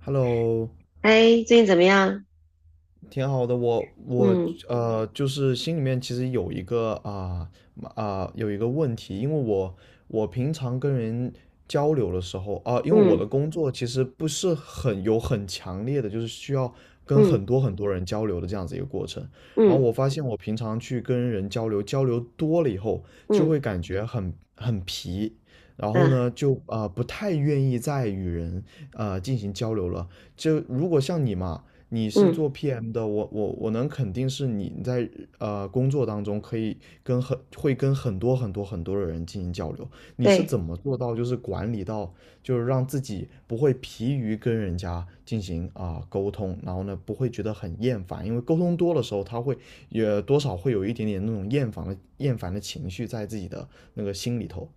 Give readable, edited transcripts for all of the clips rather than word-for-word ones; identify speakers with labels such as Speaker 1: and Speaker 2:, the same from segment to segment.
Speaker 1: Hello，
Speaker 2: 哎，最近怎么样？
Speaker 1: 挺好的。我
Speaker 2: 嗯
Speaker 1: 就是心里面其实有一个问题，因为我平常跟人交流的时候因为我
Speaker 2: 嗯
Speaker 1: 的工作其实不是很有很强烈的，就是需要跟
Speaker 2: 嗯
Speaker 1: 很多很多人交流的这样子一个过程。然后
Speaker 2: 嗯
Speaker 1: 我发现我平常去跟人交流，交流多了以后，就
Speaker 2: 嗯
Speaker 1: 会感觉很皮，然后
Speaker 2: 嗯
Speaker 1: 呢，就不太愿意再与人进行交流了。就如果像你嘛，你是
Speaker 2: 嗯，
Speaker 1: 做 PM 的，我能肯定是你在工作当中可以跟很多很多很多的人进行交流。你是
Speaker 2: 对，
Speaker 1: 怎么做到就是管理到就是让自己不会疲于跟人家进行沟通，然后呢不会觉得很厌烦，因为沟通多的时候他会也多少会有一点点那种厌烦的情绪在自己的那个心里头。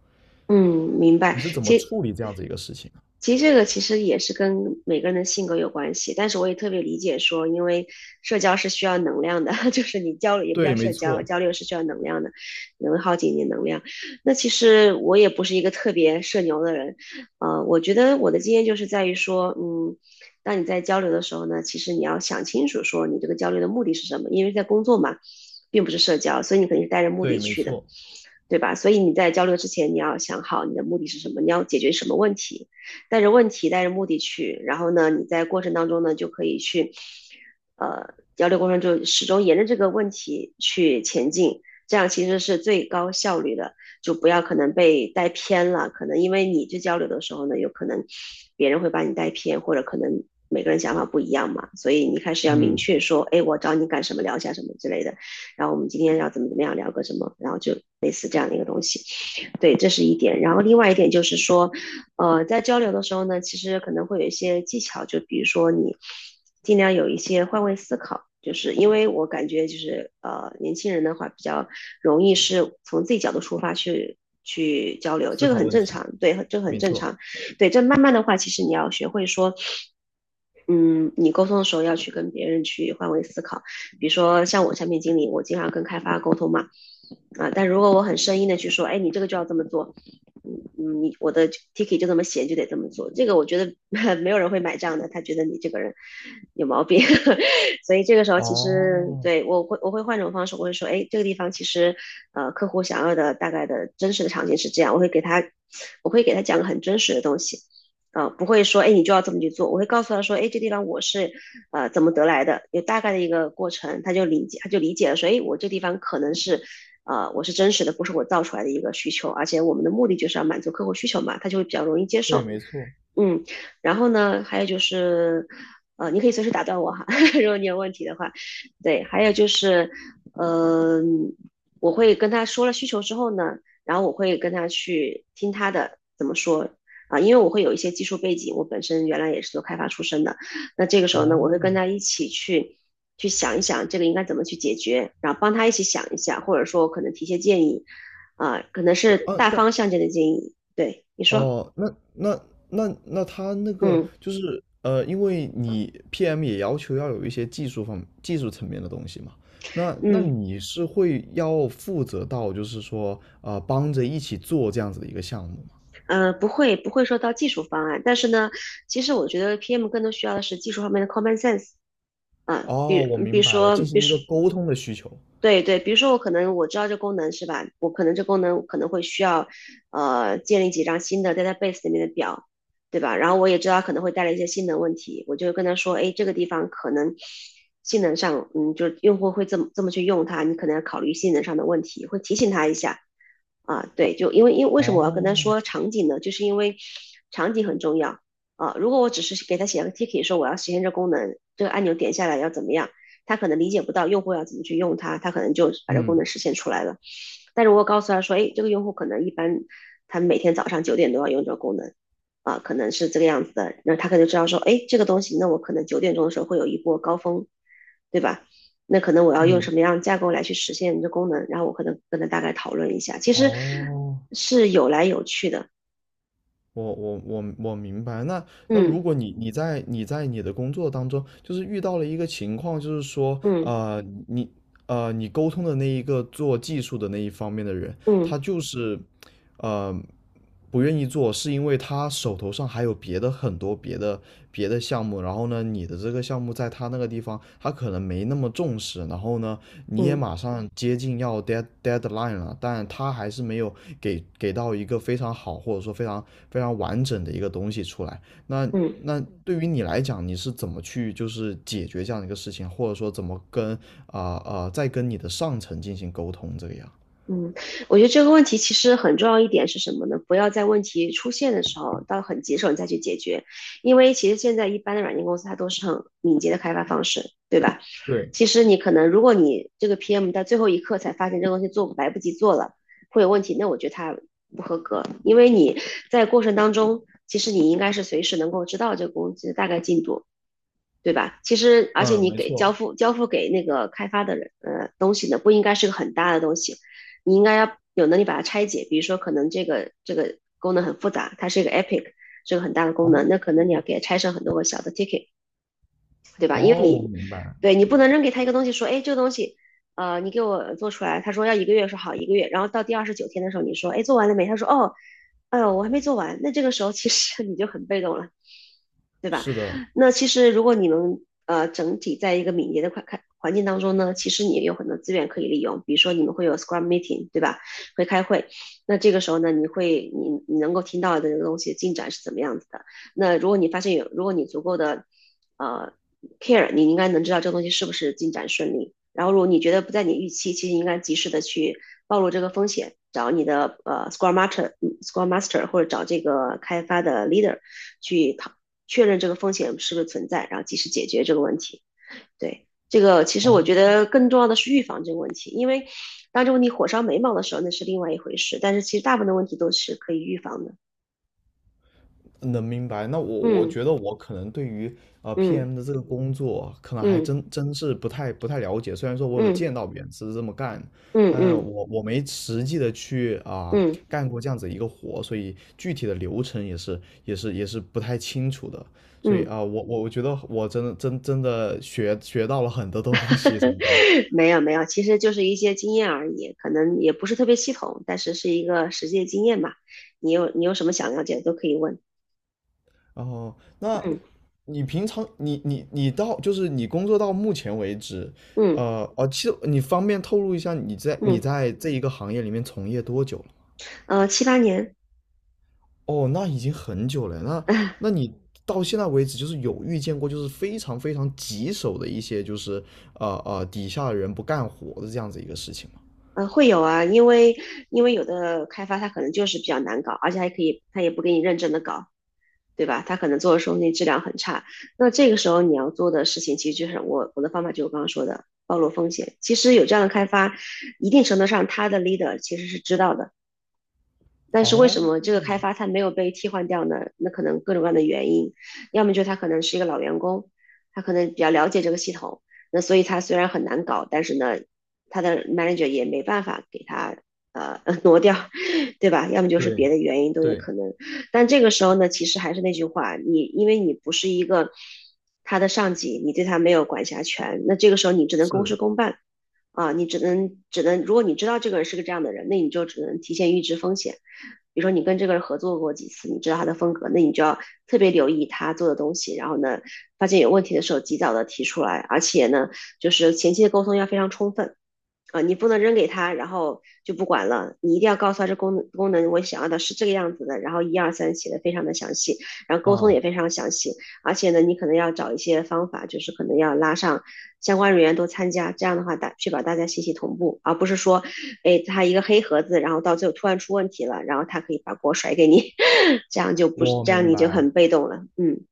Speaker 2: 嗯，明白。
Speaker 1: 你是怎么
Speaker 2: 其实
Speaker 1: 处理这样子一个事情啊？
Speaker 2: 其实这个其实也是跟每个人的性格有关系，但是我也特别理解说，因为社交是需要能量的，就是你交流也不
Speaker 1: 对，
Speaker 2: 叫
Speaker 1: 没
Speaker 2: 社交，
Speaker 1: 错。
Speaker 2: 交流是需要能量的，能耗尽你的能量。那其实我也不是一个特别社牛的人，我觉得我的经验就是在于说，当你在交流的时候呢，其实你要想清楚说你这个交流的目的是什么，因为在工作嘛，并不是社交，所以你肯定是带着目
Speaker 1: 对，
Speaker 2: 的
Speaker 1: 没
Speaker 2: 去的。
Speaker 1: 错。
Speaker 2: 对吧？所以你在交流之前，你要想好你的目的是什么，你要解决什么问题，带着问题，带着目的去。然后呢，你在过程当中呢，就可以去，交流过程中始终沿着这个问题去前进，这样其实是最高效率的。就不要可能被带偏了，可能因为你去交流的时候呢，有可能别人会把你带偏，或者可能每个人想法不一样嘛，所以你开始要明
Speaker 1: 嗯。
Speaker 2: 确说，哎，我找你干什么，聊一下什么之类的。然后我们今天要怎么怎么样聊个什么，然后就类似这样的一个东西。对，这是一点。然后另外一点就是说，在交流的时候呢，其实可能会有一些技巧，就比如说你尽量有一些换位思考，就是因为我感觉就是年轻人的话比较容易是从自己角度出发去。去交流，
Speaker 1: 思
Speaker 2: 这个
Speaker 1: 考
Speaker 2: 很
Speaker 1: 问
Speaker 2: 正
Speaker 1: 题，
Speaker 2: 常，对，这个很
Speaker 1: 没
Speaker 2: 正
Speaker 1: 错。
Speaker 2: 常，对，这慢慢的话，其实你要学会说，嗯，你沟通的时候要去跟别人去换位思考。比如说像我产品经理，我经常跟开发沟通嘛，啊，但如果我很生硬的去说，哎，你这个就要这么做，你我的 ticket 就这么写，就得这么做，这个我觉得 没有人会买账的，他觉得你这个人有毛病，所以这个时候其实
Speaker 1: 哦，
Speaker 2: 对我会换种方式，我会说，哎，这个地方其实客户想要的大概的真实的场景是这样，我会给他讲个很真实的东西。不会说，哎，你就要这么去做。我会告诉他说，哎，这地方我是，怎么得来的，有大概的一个过程，他就理解，他就理解了，说，哎，我这地方可能是，我是真实的，不是我造出来的一个需求，而且我们的目的就是要满足客户需求嘛，他就会比较容易接
Speaker 1: 对，
Speaker 2: 受。
Speaker 1: 没错。
Speaker 2: 嗯，然后呢，还有就是，你可以随时打断我哈，如果你有问题的话，对，还有就是，嗯，我会跟他说了需求之后呢，然后我会跟他去听他的怎么说啊，因为我会有一些技术背景，我本身原来也是做开发出身的，那这个时候呢，我
Speaker 1: 哦。
Speaker 2: 会跟他一起去去想一想这个应该怎么去解决，然后帮他一起想一下，或者说我可能提些建议，啊，可能是
Speaker 1: 啊，
Speaker 2: 大
Speaker 1: 但
Speaker 2: 方向性的建议，对，你说，
Speaker 1: 哦，那他那个
Speaker 2: 嗯
Speaker 1: 就是因为你 PM 也要求要有一些技术层面的东西嘛，那
Speaker 2: 嗯。
Speaker 1: 你是会要负责到就是说帮着一起做这样子的一个项目吗？
Speaker 2: 不会不会说到技术方案，但是呢，其实我觉得 PM 更多需要的是技术方面的 common sense。嗯，比
Speaker 1: 哦，我
Speaker 2: 比
Speaker 1: 明
Speaker 2: 如
Speaker 1: 白了，
Speaker 2: 说，
Speaker 1: 进行一个沟通的需求。
Speaker 2: 对对，比如说我可能我知道这功能是吧？我可能这功能我可能会需要，建立几张新的 database 里面的表，对吧？然后我也知道它可能会带来一些性能问题，我就跟他说，哎，这个地方可能性能上，嗯，就是用户会这么这么去用它，你可能要考虑性能上的问题，会提醒他一下。啊，对，就因为为什么我要跟他
Speaker 1: 哦。
Speaker 2: 说场景呢？就是因为场景很重要啊。如果我只是给他写了个 ticket 说我要实现这功能，这个按钮点下来要怎么样？他可能理解不到用户要怎么去用它，他可能就把这功
Speaker 1: 嗯
Speaker 2: 能实现出来了。但如果告诉他说，哎，这个用户可能一般他每天早上九点都要用这个功能，可能是这个样子的，那他可能知道说，哎，这个东西，那我可能九点钟的时候会有一波高峰，对吧？那可能我要用
Speaker 1: 嗯。
Speaker 2: 什么样的架构来去实现这功能，然后我可能跟他大概讨论一下，其实
Speaker 1: 哦。
Speaker 2: 是有来有去的，
Speaker 1: 我明白。那
Speaker 2: 嗯
Speaker 1: 如果你在你的工作当中，就是遇到了一个情况，就是说，
Speaker 2: 嗯
Speaker 1: 你你沟通的那一个做技术的那一方面的人，
Speaker 2: 嗯
Speaker 1: 他就是呃不愿意做，是因为他手头上还有别的很多别的项目，然后呢，你的这个项目在他那个地方，他可能没那么重视，然后呢，你也
Speaker 2: 嗯
Speaker 1: 马上接近要 deadline 了，但他还是没有给到一个非常好或者说非常非常完整的一个东西出来。那
Speaker 2: 嗯，
Speaker 1: 那对于你来讲，你是怎么去就是解决这样的一个事情，或者说怎么跟再跟你的上层进行沟通这个样？
Speaker 2: 嗯，我觉得这个问题其实很重要一点是什么呢？不要在问题出现的时候，到很棘手你再去解决，因为其实现在一般的软件公司它都是很敏捷的开发方式，对吧？其实你可能，如果你这个 PM 到最后一刻才发现这个东西做来不及做了，会有问题，那我觉得它不合格，因为你在过程当中，其实你应该是随时能够知道这个工具的大概进度，对吧？其实，而且
Speaker 1: 嗯，
Speaker 2: 你
Speaker 1: 没
Speaker 2: 给交
Speaker 1: 错。
Speaker 2: 付交付给那个开发的人，东西呢不应该是个很大的东西，你应该要有能力把它拆解，比如说可能这个功能很复杂，它是一个 Epic。是个很大的功能，
Speaker 1: 哦。
Speaker 2: 那可能你要给它拆成很多个小的 ticket，因为
Speaker 1: 哦，我
Speaker 2: 你
Speaker 1: 明白。
Speaker 2: 对你不能扔给他一个东西，说，哎，这个东西，你给我做出来，他说要一个月，说好一个月，然后到第二十九天的时候，你说，哎，做完了没？他说，哦，哎呦，我还没做完。那这个时候其实 你就很被动了，对吧？
Speaker 1: 是的，
Speaker 2: 那其实如果你能整体在一个敏捷的环境当中呢，其实你也有很多资源可以利用，比如说你们会有 Scrum meeting，对吧？会开会，那这个时候呢，你会你你能够听到的这个东西进展是怎么样子的？那如果你发现有，如果你足够的呃 care，你应该能知道这个东西是不是进展顺利。然后如果你觉得不在你预期，其实应该及时的去暴露这个风险，找你的Scrum Master 或者找这个开发的 leader 去确认这个风险是不是存在，然后及时解决这个问题。对，这个其实我觉得更重要的是预防这个问题，因为当这个问题火烧眉毛的时候，那是另外一回事。但是其实大部分的问题都是可以预防的。
Speaker 1: 能明白。那我
Speaker 2: 嗯
Speaker 1: 觉得我可能对于
Speaker 2: 嗯
Speaker 1: PM 的这个工作，可能还
Speaker 2: 嗯
Speaker 1: 真是不太了解。虽然说我有
Speaker 2: 嗯
Speaker 1: 见到别人是这么干，
Speaker 2: 嗯
Speaker 1: 但
Speaker 2: 嗯
Speaker 1: 我没实际的去
Speaker 2: 嗯嗯。嗯嗯嗯
Speaker 1: 干过这样子一个活，所以具体的流程也是不太清楚的。所以
Speaker 2: 嗯
Speaker 1: 我觉得我真的学到了很多东西从中。
Speaker 2: 没有没有，其实就是一些经验而已，可能也不是特别系统，但是是一个实际的经验吧。你有什么想了解的都可以问。
Speaker 1: 哦，那
Speaker 2: 嗯
Speaker 1: 你平常你到就是你工作到目前为止，
Speaker 2: 嗯
Speaker 1: 其实你方便透露一下你在
Speaker 2: 嗯，
Speaker 1: 这一个行业里面从业多久了吗？
Speaker 2: 7、8年。
Speaker 1: 哦，那已经很久了。那
Speaker 2: 啊
Speaker 1: 那你到现在为止，就是有遇见过就是非常非常棘手的一些就是底下的人不干活的这样子一个事情吗？
Speaker 2: 会有啊。因为有的开发它可能就是比较难搞，而且还可以，它也不给你认真的搞，对吧？它可能做的时候那质量很差。那这个时候你要做的事情，其实就是我的方法就是我刚刚说的暴露风险。其实有这样的开发，一定程度上他的 leader 其实是知道的。但是为什
Speaker 1: 哦，
Speaker 2: 么这个开发它没有被替换掉呢？那可能各种各样的原因，要么就是他可能是一个老员工，他可能比较了解这个系统，那所以他虽然很难搞，但是呢，他的 manager 也没办法给他挪掉，对吧？要么就是
Speaker 1: 对。
Speaker 2: 别的原因都有
Speaker 1: 对。
Speaker 2: 可能。但这个时候呢，其实还是那句话，你因为你不是一个他的上级，你对他没有管辖权，那这个时候你只能公
Speaker 1: 是。
Speaker 2: 事公办。啊，你只能，如果你知道这个人是个这样的人，那你就只能提前预知风险。比如说你跟这个人合作过几次，你知道他的风格，那你就要特别留意他做的东西，然后呢，发现有问题的时候及早的提出来，而且呢，就是前期的沟通要非常充分。啊、你不能扔给他，然后就不管了。你一定要告诉他这功能我想要的是这个样子的，然后1、2、3写的非常的详细，然后沟通也
Speaker 1: 啊，
Speaker 2: 非常详细。而且呢，你可能要找一些方法，就是可能要拉上相关人员都参加，这样的话确保大家信息同步，而不是说，哎，他一个黑盒子，然后到最后突然出问题了，然后他可以把锅甩给你，这样就不
Speaker 1: 我
Speaker 2: 这样
Speaker 1: 明
Speaker 2: 你就
Speaker 1: 白。
Speaker 2: 很被动了。嗯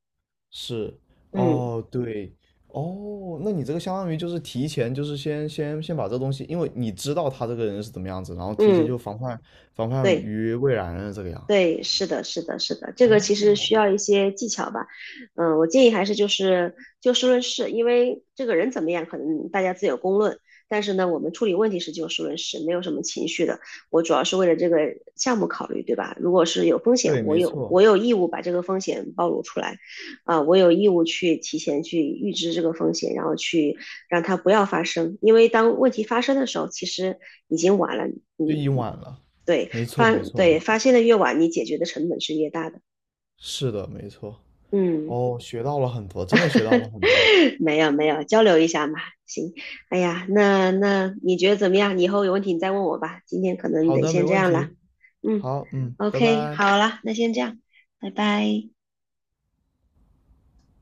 Speaker 1: 是。
Speaker 2: 嗯
Speaker 1: 哦。对。哦，那你这个相当于就是提前，就是先把这东西，因为你知道他这个人是怎么样子，然后提前
Speaker 2: 嗯，
Speaker 1: 就防范
Speaker 2: 对。
Speaker 1: 于未然了，这个样。
Speaker 2: 对，是的，是的，是的，这个其实
Speaker 1: 哦，
Speaker 2: 需要一些技巧吧。嗯，我建议还是就是就事论事，因为这个人怎么样，可能大家自有公论。但是呢，我们处理问题是就事论事，没有什么情绪的。我主要是为了这个项目考虑，对吧？如果是有风险，
Speaker 1: 对，
Speaker 2: 我
Speaker 1: 没
Speaker 2: 有
Speaker 1: 错。
Speaker 2: 我有义务把这个风险暴露出来，啊、我有义务去提前去预知这个风险，然后去让它不要发生。因为当问题发生的时候，其实已经晚了。
Speaker 1: 就
Speaker 2: 嗯，
Speaker 1: 已经晚了。
Speaker 2: 对，
Speaker 1: 没错，没错，没错。
Speaker 2: 发现的越晚，你解决的成本是越大的。
Speaker 1: 是的，没错。
Speaker 2: 嗯，
Speaker 1: 哦，学到了很多，真的学到了很多。
Speaker 2: 没有没有，交流一下嘛。行，哎呀，那你觉得怎么样？你以后有问题你再问我吧。今天可能
Speaker 1: 好
Speaker 2: 得
Speaker 1: 的，没
Speaker 2: 先这
Speaker 1: 问
Speaker 2: 样了。
Speaker 1: 题。
Speaker 2: 嗯
Speaker 1: 好。嗯。拜
Speaker 2: ，OK，
Speaker 1: 拜。
Speaker 2: 好了，那先这样，拜拜。